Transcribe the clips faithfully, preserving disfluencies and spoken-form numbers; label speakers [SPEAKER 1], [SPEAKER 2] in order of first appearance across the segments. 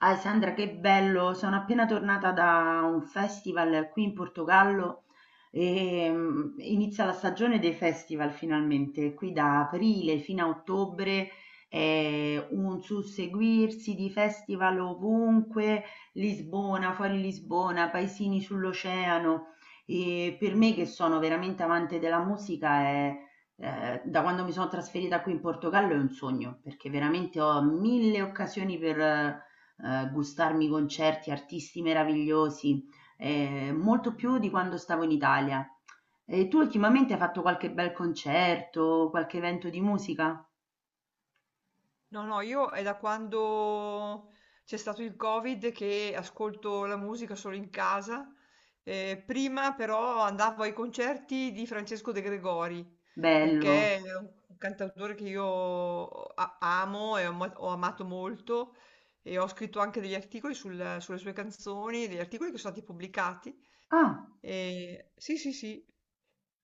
[SPEAKER 1] Ah, Sandra, che bello! Sono appena tornata da un festival qui in Portogallo e mm, inizia la stagione dei festival finalmente, qui da aprile fino a ottobre è un susseguirsi di festival ovunque, Lisbona, fuori Lisbona, paesini sull'oceano e per me che sono veramente amante della musica è eh, da quando mi sono trasferita qui in Portogallo è un sogno, perché veramente ho mille occasioni per eh, gustarmi concerti, artisti meravigliosi, eh, molto più di quando stavo in Italia. E tu ultimamente hai fatto qualche bel concerto, qualche evento di musica?
[SPEAKER 2] No, no, io è da quando c'è stato il Covid che ascolto la musica solo in casa. Eh, prima però andavo ai concerti di Francesco De Gregori, perché
[SPEAKER 1] Bello.
[SPEAKER 2] è un cantautore che io a- amo e ho, ama- ho amato molto e ho scritto anche degli articoli sul- sulle sue canzoni, degli articoli che sono stati pubblicati
[SPEAKER 1] Ah,
[SPEAKER 2] e- sì, sì, sì.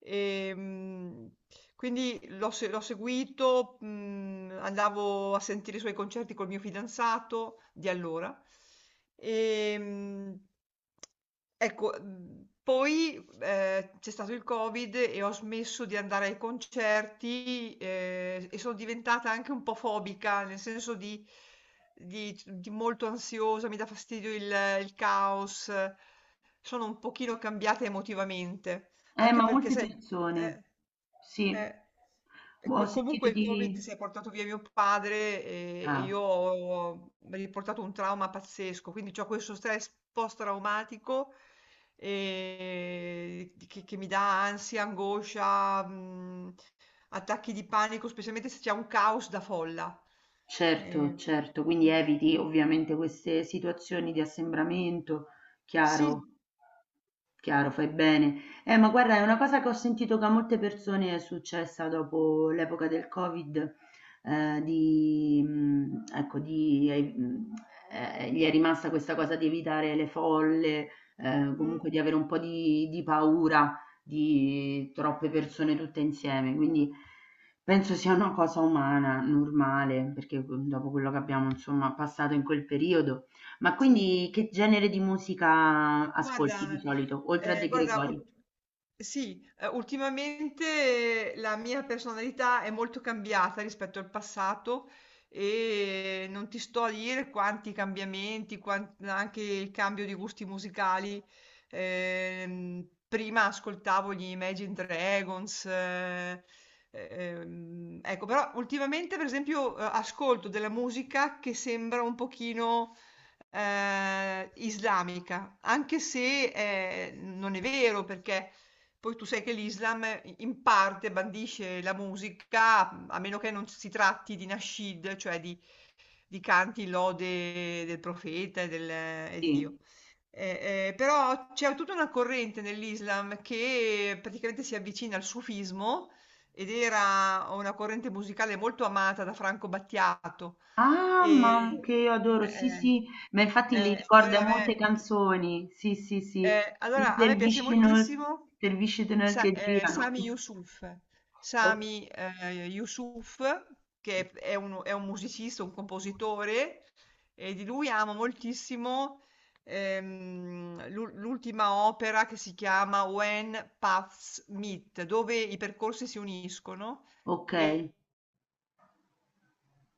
[SPEAKER 2] E, mh, quindi l'ho se- l'ho seguito, mh, andavo a sentire i suoi concerti col mio fidanzato di allora. E, mh, ecco, mh, Poi eh, c'è stato il Covid e ho smesso di andare ai concerti, eh, e sono diventata anche un po' fobica, nel senso di di, di molto ansiosa, mi dà fastidio il, il caos, sono un pochino cambiata emotivamente.
[SPEAKER 1] eh,
[SPEAKER 2] Anche
[SPEAKER 1] ma
[SPEAKER 2] perché
[SPEAKER 1] molte
[SPEAKER 2] sai,
[SPEAKER 1] persone.
[SPEAKER 2] eh,
[SPEAKER 1] Sì,
[SPEAKER 2] eh. E
[SPEAKER 1] ho
[SPEAKER 2] co
[SPEAKER 1] sentito
[SPEAKER 2] comunque il Covid
[SPEAKER 1] di...
[SPEAKER 2] si è portato via mio padre e e io
[SPEAKER 1] Ah,
[SPEAKER 2] ho mi ha riportato un trauma pazzesco, quindi c'ho questo stress post-traumatico, ehm, che che mi dà ansia, angoscia, mhmm, attacchi di panico, specialmente se c'è un caos da folla.
[SPEAKER 1] certo,
[SPEAKER 2] Ehm,
[SPEAKER 1] certo, quindi
[SPEAKER 2] mh,
[SPEAKER 1] eviti ovviamente queste situazioni di assembramento, chiaro.
[SPEAKER 2] sì,
[SPEAKER 1] Chiaro, fai bene. Eh, ma guarda, è una cosa che ho sentito che a molte persone è successa dopo l'epoca del Covid, eh, di, mh, ecco, di, eh, mh, eh, gli è rimasta questa cosa di evitare le folle, eh,
[SPEAKER 2] mh,
[SPEAKER 1] comunque di avere un po' di, di paura di troppe persone tutte insieme. Quindi penso sia una cosa umana, normale, perché mm, dopo quello che abbiamo, insomma, passato in quel periodo. Ma
[SPEAKER 2] sì,
[SPEAKER 1] quindi
[SPEAKER 2] sì.
[SPEAKER 1] che genere di musica ascolti di
[SPEAKER 2] Guarda,
[SPEAKER 1] solito, oltre a
[SPEAKER 2] eh,
[SPEAKER 1] De
[SPEAKER 2] guarda, ul-
[SPEAKER 1] Gregori?
[SPEAKER 2] sì, eh, ultimamente la mia personalità è molto cambiata rispetto al passato e non ti sto a dire quanti cambiamenti, quan- anche il cambio di gusti musicali. Ehm, prima ascoltavo gli Imagine Dragons, eh, ehm, ecco, però ultimamente per esempio eh, ascolto della musica che sembra un pochino eh, islamica, anche se eh, non è vero perché poi tu sai che l'Islam in parte bandisce la musica, a meno che non si tratti di nascid, cioè di di canti lode del profeta e, del- e di
[SPEAKER 1] Sì.
[SPEAKER 2] Dio. Eh, eh, però c'è tutta una corrente nell'Islam che praticamente si avvicina al sufismo ed era una corrente musicale molto amata da Franco Battiato.
[SPEAKER 1] Ah, ma
[SPEAKER 2] E,
[SPEAKER 1] che adoro, sì,
[SPEAKER 2] eh,
[SPEAKER 1] sì, ma infatti li
[SPEAKER 2] eh,
[SPEAKER 1] ricorda
[SPEAKER 2] allora a
[SPEAKER 1] molte
[SPEAKER 2] me,
[SPEAKER 1] canzoni, sì, sì, sì,
[SPEAKER 2] eh,
[SPEAKER 1] i
[SPEAKER 2] allora, a me piace
[SPEAKER 1] dervisci nel,
[SPEAKER 2] moltissimo
[SPEAKER 1] dervisci nel
[SPEAKER 2] Sa-
[SPEAKER 1] che
[SPEAKER 2] eh,
[SPEAKER 1] girano.
[SPEAKER 2] Sami Yusuf.
[SPEAKER 1] O-
[SPEAKER 2] Sami eh, Yusuf, che è un, è un musicista, un compositore, e di lui amo moltissimo, ehm, l'u- l'ultima opera che si chiama When Paths Meet, dove i percorsi si uniscono.
[SPEAKER 1] ok,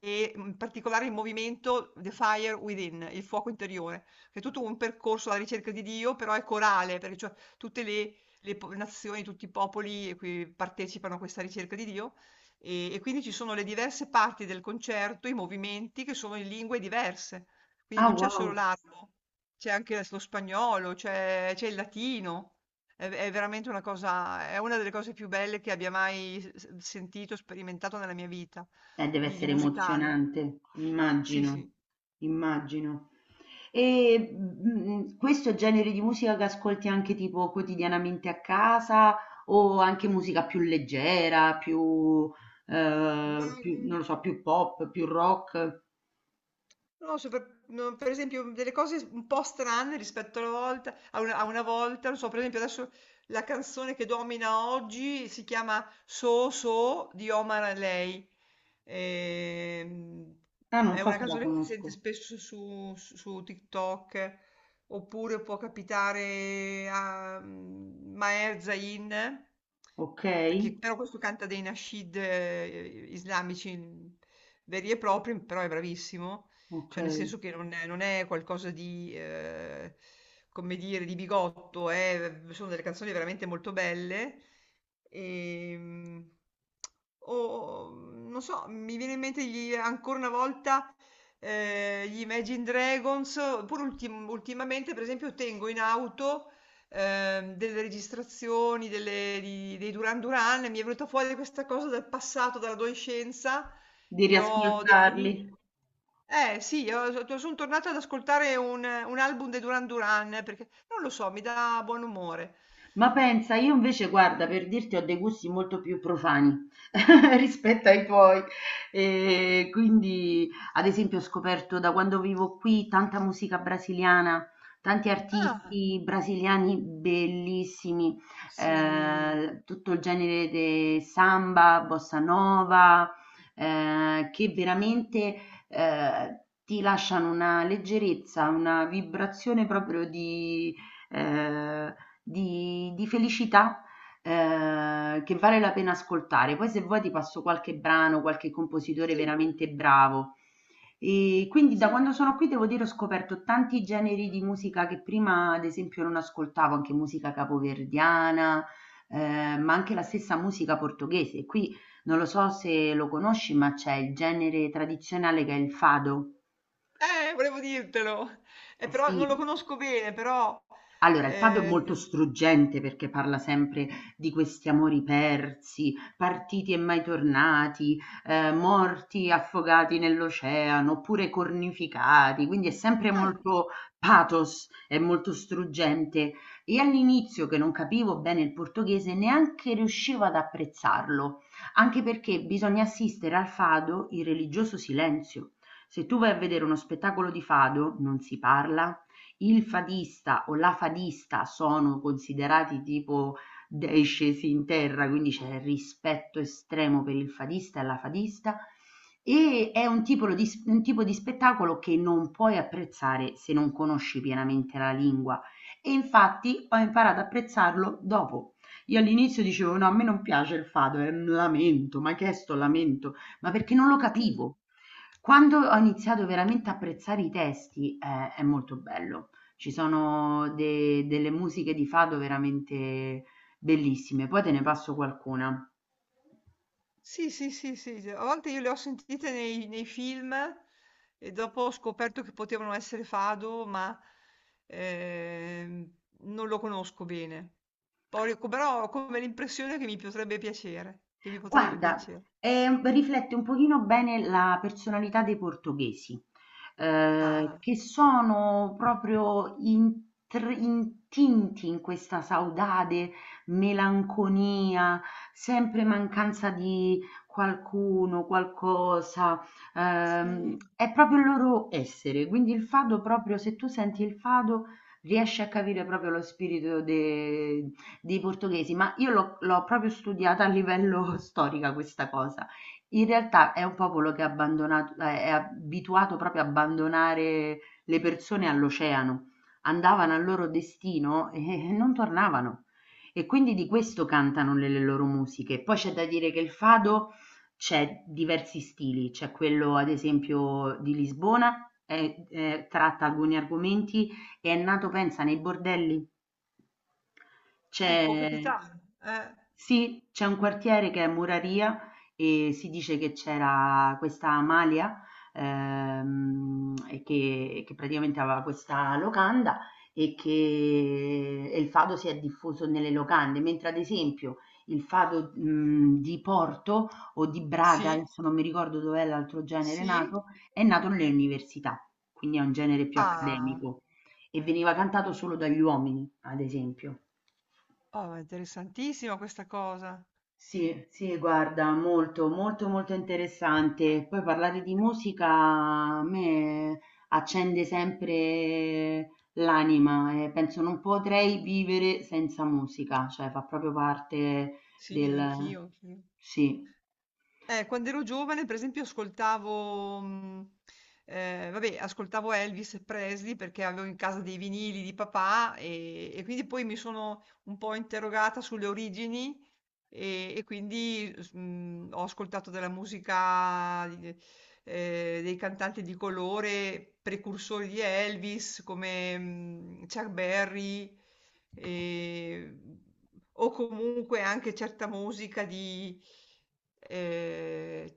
[SPEAKER 2] E, mhmm, in particolare il movimento The Fire Within, il fuoco interiore, che è tutto un percorso alla ricerca di Dio, però è corale, perché cioè tutte le le po nazioni, tutti i popoli qui partecipano a questa ricerca di Dio, ehm, e quindi ci sono le diverse parti del concerto, i movimenti che sono in lingue diverse. Quindi
[SPEAKER 1] ah,
[SPEAKER 2] non c'è solo
[SPEAKER 1] wow,
[SPEAKER 2] l'arabo, c'è anche adesso lo spagnolo, c'è c'è il latino. È v è veramente una cosa, è una delle cose più belle che abbia mai s s sentito, sperimentato nella mia vita
[SPEAKER 1] eh, deve
[SPEAKER 2] di, di
[SPEAKER 1] essere
[SPEAKER 2] musicale.
[SPEAKER 1] emozionante,
[SPEAKER 2] Sì, sì.
[SPEAKER 1] immagino, immagino. E, mhmm, questo è il genere di musica che ascolti anche tipo quotidianamente a casa o anche musica più leggera, più,
[SPEAKER 2] Ma,
[SPEAKER 1] ehm, più
[SPEAKER 2] mm,
[SPEAKER 1] non lo so, più pop, più rock?
[SPEAKER 2] No, so per no, per esempio delle cose un po' strane rispetto alla volta a una a una volta, non so, per esempio adesso la canzone che domina oggi si chiama So So di Omar Haley. Ehm,
[SPEAKER 1] Ah, non
[SPEAKER 2] è
[SPEAKER 1] so
[SPEAKER 2] una
[SPEAKER 1] se la
[SPEAKER 2] canzone che si
[SPEAKER 1] conosco.
[SPEAKER 2] sente spesso su, su- su TikTok, oppure può capitare a mm, Maher Zain,
[SPEAKER 1] Okay,
[SPEAKER 2] che però questo canta dei nasheed eh, islamici mm, veri e propri, però è bravissimo. Cioè, nel
[SPEAKER 1] okay.
[SPEAKER 2] senso che non è, non è qualcosa di, eh, come dire, di bigotto, è- sono delle canzoni veramente molto belle. E, o, non so, mi viene in mente gli- ancora una volta eh, gli Imagine Dragons, pur ultim- ultimamente, per esempio, tengo in auto ehm, delle registrazioni delle- di- dei Duran Duran, e mi è venuta fuori questa cosa dal passato, dall'adolescenza,
[SPEAKER 1] Di
[SPEAKER 2] e ho dei C D.
[SPEAKER 1] riascoltarli.
[SPEAKER 2] Eh sì, io so son tornata ad ascoltare un un album dei Duran Duran perché, non lo so, mi dà buon umore.
[SPEAKER 1] Ma pensa, io invece guarda, per dirti, ho dei gusti molto più profani rispetto ai tuoi. E quindi, ad esempio, ho scoperto da quando vivo qui tanta musica brasiliana, tanti
[SPEAKER 2] Ah,
[SPEAKER 1] artisti brasiliani bellissimi,
[SPEAKER 2] sì,
[SPEAKER 1] eh, tutto il genere de samba, bossa nova, eh, che veramente eh, ti lasciano una leggerezza, una vibrazione proprio di ehm, di, di felicità eh, che vale la pena ascoltare. Poi se vuoi ti passo qualche brano, qualche compositore
[SPEAKER 2] sì,
[SPEAKER 1] veramente bravo. E quindi da
[SPEAKER 2] sì.
[SPEAKER 1] quando sono qui devo dire ho scoperto tanti generi di musica che prima ad esempio non ascoltavo, anche musica capoverdiana, eh, ma anche la stessa musica portoghese. Qui non lo so se lo conosci, ma c'è il genere tradizionale che è il fado.
[SPEAKER 2] Eh, volevo dirtelo. Eh, però non lo
[SPEAKER 1] Sì,
[SPEAKER 2] conosco bene, però,
[SPEAKER 1] allora, il fado è molto
[SPEAKER 2] ehm.
[SPEAKER 1] struggente perché parla sempre di questi amori persi, partiti e mai tornati, ehm, morti affogati nell'oceano oppure cornificati, quindi è sempre
[SPEAKER 2] Ah,
[SPEAKER 1] molto pathos, è molto struggente. E all'inizio, che non capivo bene il portoghese, neanche riuscivo ad apprezzarlo, anche perché bisogna assistere al fado in religioso silenzio. Se tu vai a vedere uno spettacolo di fado, non si parla, il fadista o la fadista sono considerati tipo dei scesi in terra, quindi c'è rispetto estremo per il fadista e la fadista e è un tipo di, un tipo di spettacolo che non puoi apprezzare se non conosci pienamente la lingua e infatti ho imparato ad apprezzarlo dopo. Io all'inizio dicevo no, a me non piace il fado, è un lamento, ma che è sto lamento? Ma perché non lo
[SPEAKER 2] sì.
[SPEAKER 1] capivo. Quando ho iniziato veramente a apprezzare i testi, eh, è molto bello. Ci sono de delle musiche di fado veramente bellissime. Poi te ne passo qualcuna.
[SPEAKER 2] Sì, sì, sì, sì, sì. A volte io le ho sentite nei, nei film e dopo ho scoperto che potevano essere Fado, ma ehm, non lo conosco bene. Poi, co- però ho come l'impressione che mi potrebbe piacere, che mi potrebbe
[SPEAKER 1] Guarda,
[SPEAKER 2] piacere.
[SPEAKER 1] ehm, riflette un pochino bene la personalità dei portoghesi, ehm,
[SPEAKER 2] Ah,
[SPEAKER 1] che sono proprio intr intinti in questa saudade, melanconia, sempre mancanza di qualcuno, qualcosa, ehm,
[SPEAKER 2] sì,
[SPEAKER 1] è proprio il loro essere. Quindi il fado proprio se tu senti il fado riesci a capire proprio lo spirito de dei portoghesi, ma io l'ho, l'ho proprio studiata a livello storica questa cosa. In realtà è un popolo che è abbandonato, eh, è abituato proprio a abbandonare le persone all'oceano. Andavano al loro destino e non tornavano. E quindi di questo cantano le, le loro musiche. Poi c'è da dire che il fado c'è diversi stili, c'è quello ad esempio di Lisbona, eh, eh, tratta alcuni argomenti e è nato pensa nei bordelli.
[SPEAKER 2] eh, può
[SPEAKER 1] C'è
[SPEAKER 2] capitare. Eh,
[SPEAKER 1] sì, c'è un quartiere che è Muraria e si dice che c'era questa Amalia ehm, e che, che praticamente aveva questa locanda e che e il fado si è diffuso nelle locande, mentre ad esempio il fado mh, di Porto o di Braga,
[SPEAKER 2] sì,
[SPEAKER 1] adesso non mi ricordo dov'è l'altro genere nato,
[SPEAKER 2] sì.
[SPEAKER 1] è nato nelle università, quindi è un genere più
[SPEAKER 2] Ah,
[SPEAKER 1] accademico. E veniva cantato solo dagli uomini, ad esempio.
[SPEAKER 2] oh, è interessantissima questa cosa.
[SPEAKER 1] Sì, sì, guarda, molto, molto, molto interessante. Poi parlare di musica a me accende sempre l'anima e penso non potrei vivere senza musica, cioè fa proprio parte
[SPEAKER 2] Sì,
[SPEAKER 1] del...
[SPEAKER 2] anch'io, anch'io.
[SPEAKER 1] Sì.
[SPEAKER 2] Eh, quando ero giovane, per esempio, ascoltavo, mh, eh, vabbè, ascoltavo Elvis Presley perché avevo in casa dei vinili di papà, e, e quindi poi mi sono un po' interrogata sulle origini e, e quindi s- mh, ho ascoltato della musica di- eh, dei cantanti di colore, precursori di Elvis come mh, Chuck Berry e- o comunque anche certa musica di, eh,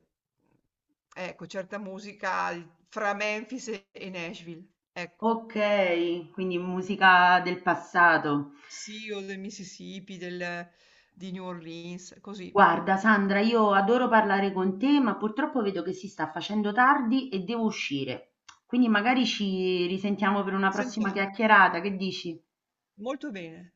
[SPEAKER 2] ecco, certa musica al- fra Memphis e e Nashville, ecco,
[SPEAKER 1] Ok, quindi musica del passato.
[SPEAKER 2] sì, o del Mississippi, del- di New Orleans, così.
[SPEAKER 1] Guarda, Sandra, io adoro parlare con te, ma purtroppo vedo che si sta facendo tardi e devo uscire. Quindi magari ci risentiamo per una prossima
[SPEAKER 2] Sentiamo,
[SPEAKER 1] chiacchierata, che dici?
[SPEAKER 2] molto bene.